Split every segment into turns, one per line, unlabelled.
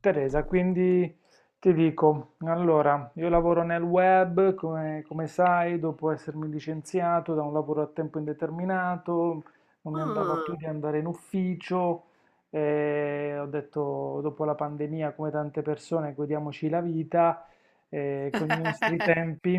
Teresa, quindi ti dico, allora, io lavoro nel web, come, come sai, dopo essermi licenziato da un lavoro a tempo indeterminato, non mi andava
Ah,
più di andare in ufficio, e ho detto, dopo la pandemia, come tante persone, godiamoci la vita e con i nostri tempi,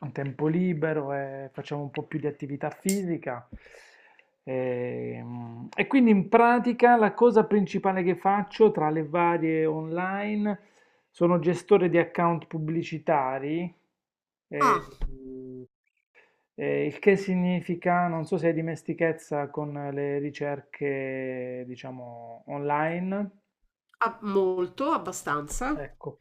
un tempo libero, e facciamo un po' più di attività fisica. E quindi in pratica la cosa principale che faccio tra le varie online sono gestore di account pubblicitari,
ah,
e, mm, il che significa, non so se hai dimestichezza con le ricerche, diciamo, online.
ah, molto, abbastanza.
Ecco,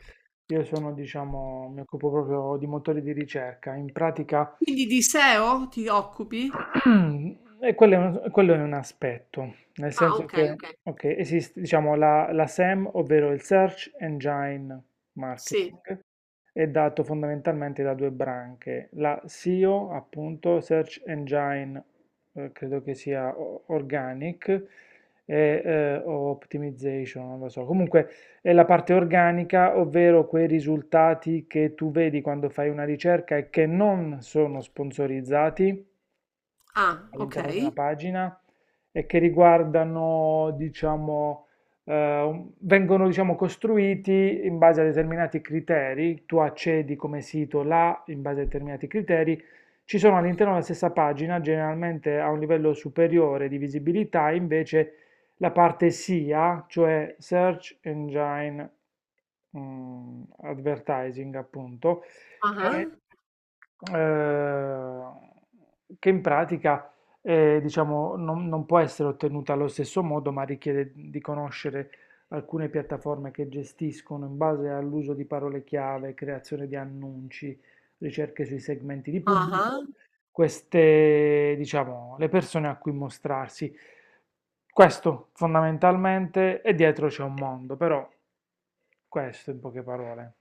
io sono, diciamo, mi occupo proprio di motori di ricerca. In pratica,
Quindi di SEO ti occupi?
e quello è un aspetto, nel
Ah,
senso
ok,
che
ok.
ok, esiste, diciamo, la SEM, ovvero il Search Engine
Sì.
Marketing, è dato fondamentalmente da due branche, la SEO, appunto, Search Engine, credo che sia Organic, e o Optimization, non lo so. Comunque è la parte organica, ovvero quei risultati che tu vedi quando fai una ricerca e che non sono sponsorizzati
Ah, ok.
all'interno di una pagina e che riguardano, diciamo, eh, vengono, diciamo, costruiti in base a determinati criteri. Tu accedi come sito là in base a determinati criteri. Ci sono all'interno della stessa pagina, generalmente a un livello superiore di visibilità, invece la parte SIA, cioè Search Engine Advertising, appunto, che
Ah,
eh, che in pratica diciamo, non può essere ottenuta allo stesso modo, ma richiede di conoscere alcune piattaforme che gestiscono in base all'uso di parole chiave, creazione di annunci, ricerche sui segmenti di
ah, ah,
pubblico, queste, diciamo, le persone a cui mostrarsi. Questo fondamentalmente, e dietro c'è un mondo, però questo in poche parole.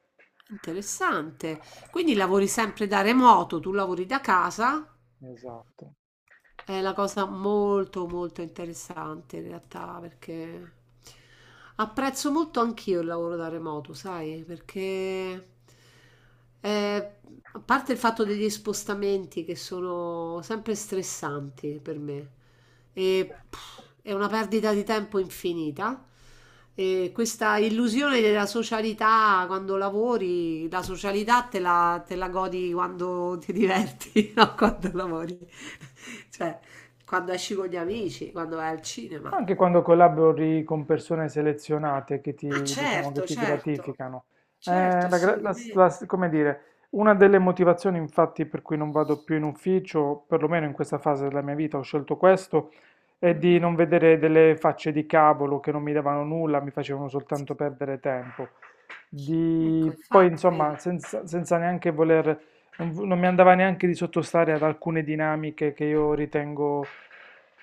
interessante. Quindi lavori sempre da remoto, tu lavori da casa?
Esatto.
È una cosa molto molto interessante in realtà, perché apprezzo molto anch'io il lavoro da remoto, sai, perché eh, a parte il fatto degli spostamenti che sono sempre stressanti per me e pff, è una perdita di tempo infinita. E questa illusione della socialità: quando lavori, la socialità te la godi quando ti diverti, non quando lavori. Cioè, quando esci con gli amici, quando vai al cinema.
Anche quando collabori con persone selezionate che
Ma
ti, diciamo, che
certo,
ti
certo,
gratificano.
certo,
Eh, la gra- la s-
assolutamente.
Come dire, una delle motivazioni, infatti, per cui non vado più in ufficio, perlomeno in questa fase della mia vita, ho scelto questo, è
Mm,
di
mm.
non vedere delle facce di cavolo che non mi davano nulla, mi facevano soltanto perdere tempo. Di,
Ecco,
poi,
infatti,
insomma,
vedi.
senza neanche voler non mi andava neanche di sottostare ad alcune dinamiche che io ritengo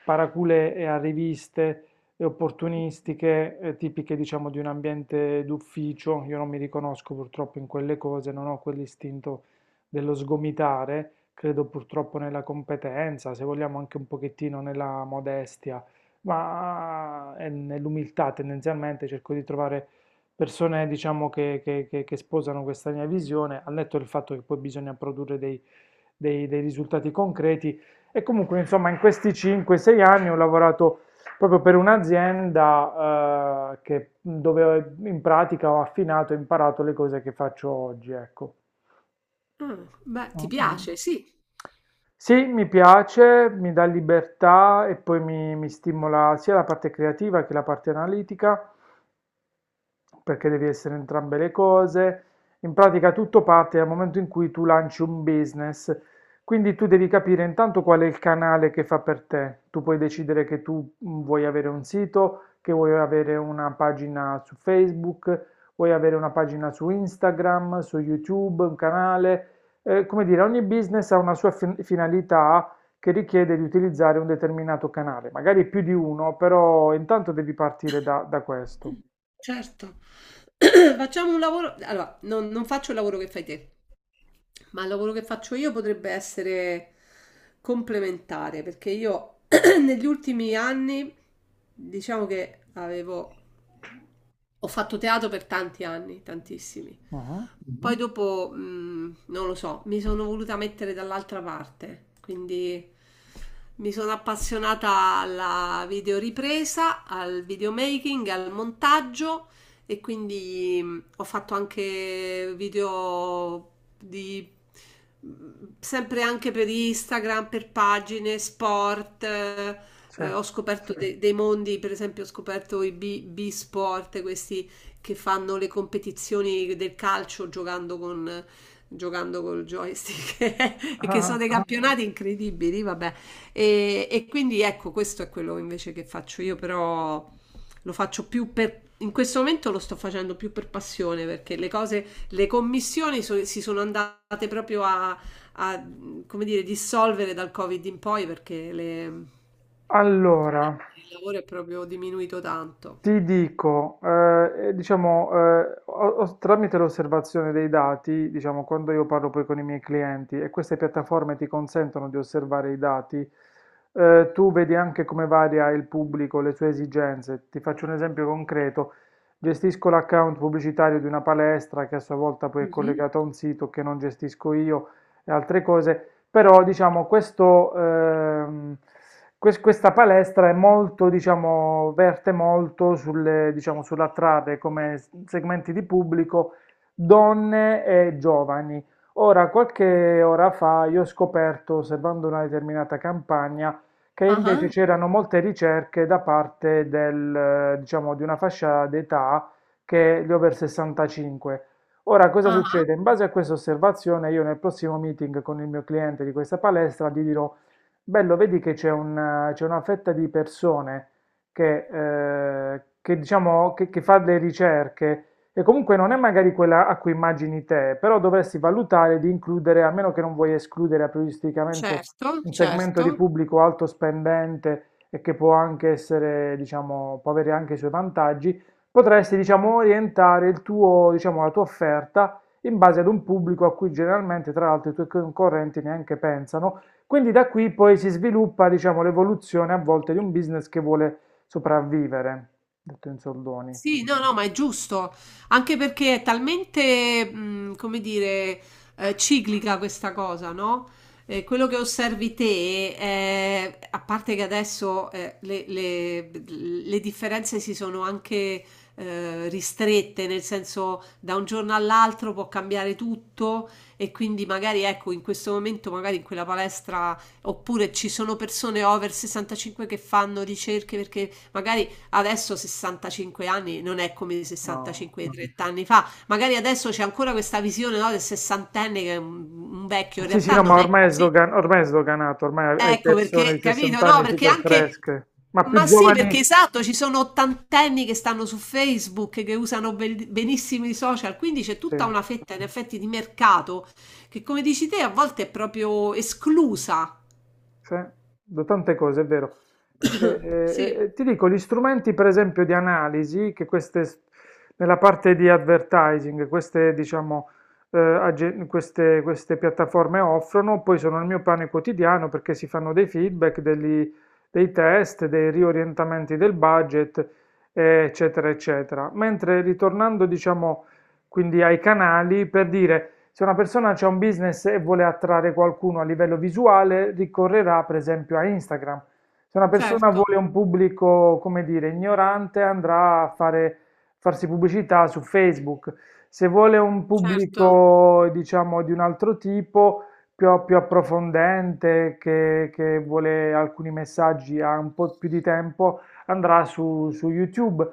paracule e arriviste e opportunistiche, tipiche diciamo di un ambiente d'ufficio. Io non mi riconosco purtroppo in quelle cose, non ho quell'istinto dello sgomitare, credo purtroppo nella competenza, se vogliamo anche un pochettino nella modestia, ma e nell'umiltà tendenzialmente cerco di trovare persone, diciamo, che sposano questa mia visione, al netto del fatto che poi bisogna produrre dei risultati concreti. E comunque, insomma, in questi 5-6 anni ho lavorato proprio per un'azienda, dove in pratica ho affinato e imparato le cose che faccio oggi, ecco.
Ah, beh,
Mm,
ti
mm.
piace, sì,
Sì, mi piace, mi dà libertà e poi mi stimola sia la parte creativa che la parte analitica perché devi essere entrambe le cose. In pratica tutto parte dal momento in cui tu lanci un business, quindi tu devi capire intanto qual è il canale che fa per te. Tu puoi decidere che tu vuoi avere un sito, che vuoi avere una pagina su Facebook, vuoi avere una pagina su Instagram, su YouTube, un canale. Come dire, ogni business ha una sua finalità che richiede di utilizzare un determinato canale, magari più di uno, però intanto devi partire da questo.
certo. Facciamo un lavoro. Allora, non faccio il lavoro che fai te, ma il lavoro che faccio io potrebbe essere complementare, perché io negli ultimi anni diciamo che avevo ho fatto teatro per tanti anni, tantissimi.
Mhm.
Poi mhm, dopo, non lo so, mi sono voluta mettere dall'altra parte, quindi mi sono appassionata alla videoripresa, al videomaking, al montaggio, e quindi ho fatto anche video di mm, sempre anche per Instagram, per pagine, sport,
Sì.
ho scoperto dei mondi. Per esempio, ho scoperto i B-Sport, questi che fanno le competizioni del calcio giocando con, giocando col joystick e che sono
Ah,
dei campionati incredibili, vabbè. E quindi ecco, questo è quello invece che faccio io, però lo faccio più per... In questo momento lo sto facendo più per passione, perché le cose, le commissioni si sono andate proprio a, a, come dire, dissolvere dal Covid in poi, perché
allora,
il lavoro è proprio diminuito tanto.
ti dico, diciamo, tramite l'osservazione dei dati, diciamo, quando io parlo poi con i miei clienti e queste piattaforme ti consentono di osservare i dati, tu vedi anche come varia il pubblico, le sue esigenze. Ti faccio un esempio concreto. Gestisco l'account pubblicitario di una palestra che a sua volta poi è
Mhm.
collegato a un sito che non gestisco io e altre cose. Però diciamo questo, questa palestra è molto, diciamo, verte molto sulle, diciamo, sull'attrarre come segmenti di pubblico donne e giovani. Ora, qualche ora fa io ho scoperto, osservando una determinata campagna, che invece
Ah,
c'erano molte ricerche da parte diciamo, di una fascia d'età che è gli over 65. Ora, cosa
ah, ah,
succede? In base a questa osservazione, io nel prossimo meeting con il mio cliente di questa palestra gli dirò, bello, vedi che c'è una fetta di persone che, diciamo, che fa le ricerche e comunque non è magari quella a cui immagini te, però dovresti valutare di includere, a meno che non vuoi escludere aprioristicamente
certo,
un segmento di
certo.
pubblico alto spendente e che può anche essere, diciamo, può avere anche i suoi vantaggi. Potresti, diciamo, orientare diciamo, la tua offerta in base ad un pubblico a cui generalmente, tra l'altro, i tuoi concorrenti neanche pensano. Quindi da qui poi si sviluppa, diciamo, l'evoluzione a volte di un business che vuole sopravvivere, detto in soldoni.
Sì, no, no, ma è giusto, anche perché è talmente, come dire, ciclica questa cosa, no? Quello che osservi te, è- a parte che adesso le, le differenze si sono anche ristrette, nel senso da un giorno all'altro può cambiare tutto, e quindi magari ecco in questo momento, magari in quella palestra, oppure ci sono persone over 65 che fanno ricerche perché magari adesso 65 anni non è come
No.
65 di 30 anni fa. Magari adesso c'è ancora questa visione, no, del sessantenne che è un vecchio. In
Sì, sì,
realtà
no, ma
non è
ormai
così.
ormai è sdoganato, ormai hai
Ecco
persone
perché,
di
capito?
60
No,
anni
perché
super
anche...
fresche, ma più
Ma sì, perché
giovani,
esatto, ci sono ottantenni che stanno su Facebook, che usano benissimo i social, quindi c'è
sì.
tutta una fetta in effetti di mercato che, come dici te, a volte è proprio esclusa.
Sì, da tante cose, è vero. E- e-
Sì,
e ti dico, gli strumenti per esempio di analisi, nella parte di advertising, queste, diciamo, agen- queste, queste piattaforme offrono, poi sono il mio pane quotidiano perché si fanno dei feedback, dei test, dei riorientamenti del budget, eccetera, eccetera. Mentre ritornando, diciamo, quindi ai canali, per dire se una persona ha un business e vuole attrarre qualcuno a livello visuale, ricorrerà per esempio a Instagram. Se una persona
certo,
vuole un pubblico, come dire, ignorante, farsi pubblicità su Facebook. Se vuole un
certo.
pubblico, diciamo, di un altro tipo, più approfondente, che vuole alcuni messaggi, ha un po' più di tempo, andrà su YouTube.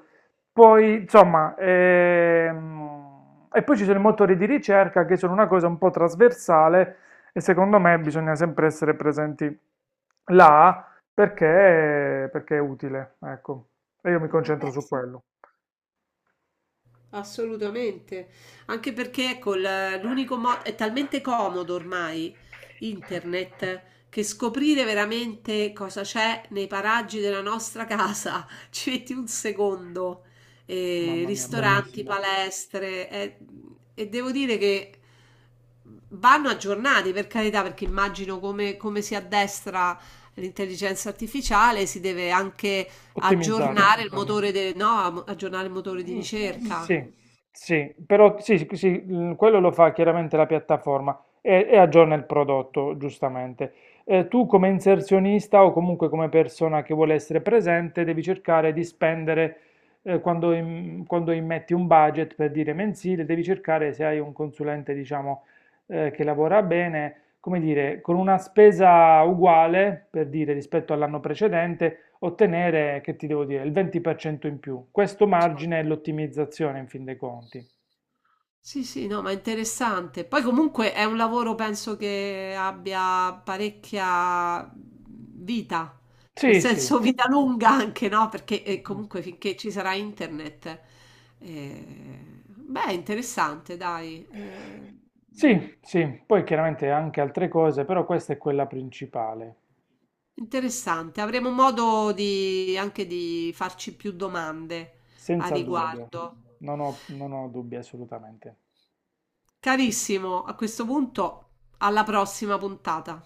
Poi, insomma, e poi ci sono i motori di ricerca che sono una cosa un po' trasversale e secondo me bisogna sempre essere presenti là perché, perché è utile, ecco. E io mi
Eh
concentro
beh,
su
sì.
quello.
Assolutamente, anche perché col, l'unico modo, è talmente comodo ormai internet, che scoprire veramente cosa c'è nei paraggi della nostra casa ci metti un secondo. Mm,
Mamma mia,
ristoranti,
bellissimo.
palestre, e devo dire che vanno aggiornati, per carità, perché immagino come, come si addestra l'intelligenza artificiale, si deve anche
Ottimizzare.
aggiornare il motore, de- no, aggiornare il motore di
Mm,
ricerca.
sì, sì, però sì, sì, sì, mm, quello lo fa chiaramente la piattaforma e aggiorna il prodotto, giustamente. Tu come inserzionista o comunque come persona che vuole essere presente, devi cercare di spendere, quando immetti un budget per dire mensile, devi cercare se hai un consulente, diciamo, che lavora bene come dire, con una spesa uguale, per dire, rispetto all'anno precedente, ottenere, che ti devo dire, il 20% in più. Questo
Certo.
margine è l'ottimizzazione in fin dei conti.
Sì, sì, no, ma è interessante. Poi comunque è un lavoro, penso che abbia parecchia vita, nel
Sì, sì.
senso vita lunga anche, no? Perché
Mhm.
comunque finché ci sarà internet. Eh, beh, è interessante, dai. Eh,
Sì, sì, poi chiaramente anche altre cose, però questa è quella principale,
interessante. Avremo modo di, anche di farci più domande a
senza dubbio.
riguardo.
Non ho dubbi assolutamente.
Carissimo, a questo punto, alla prossima puntata.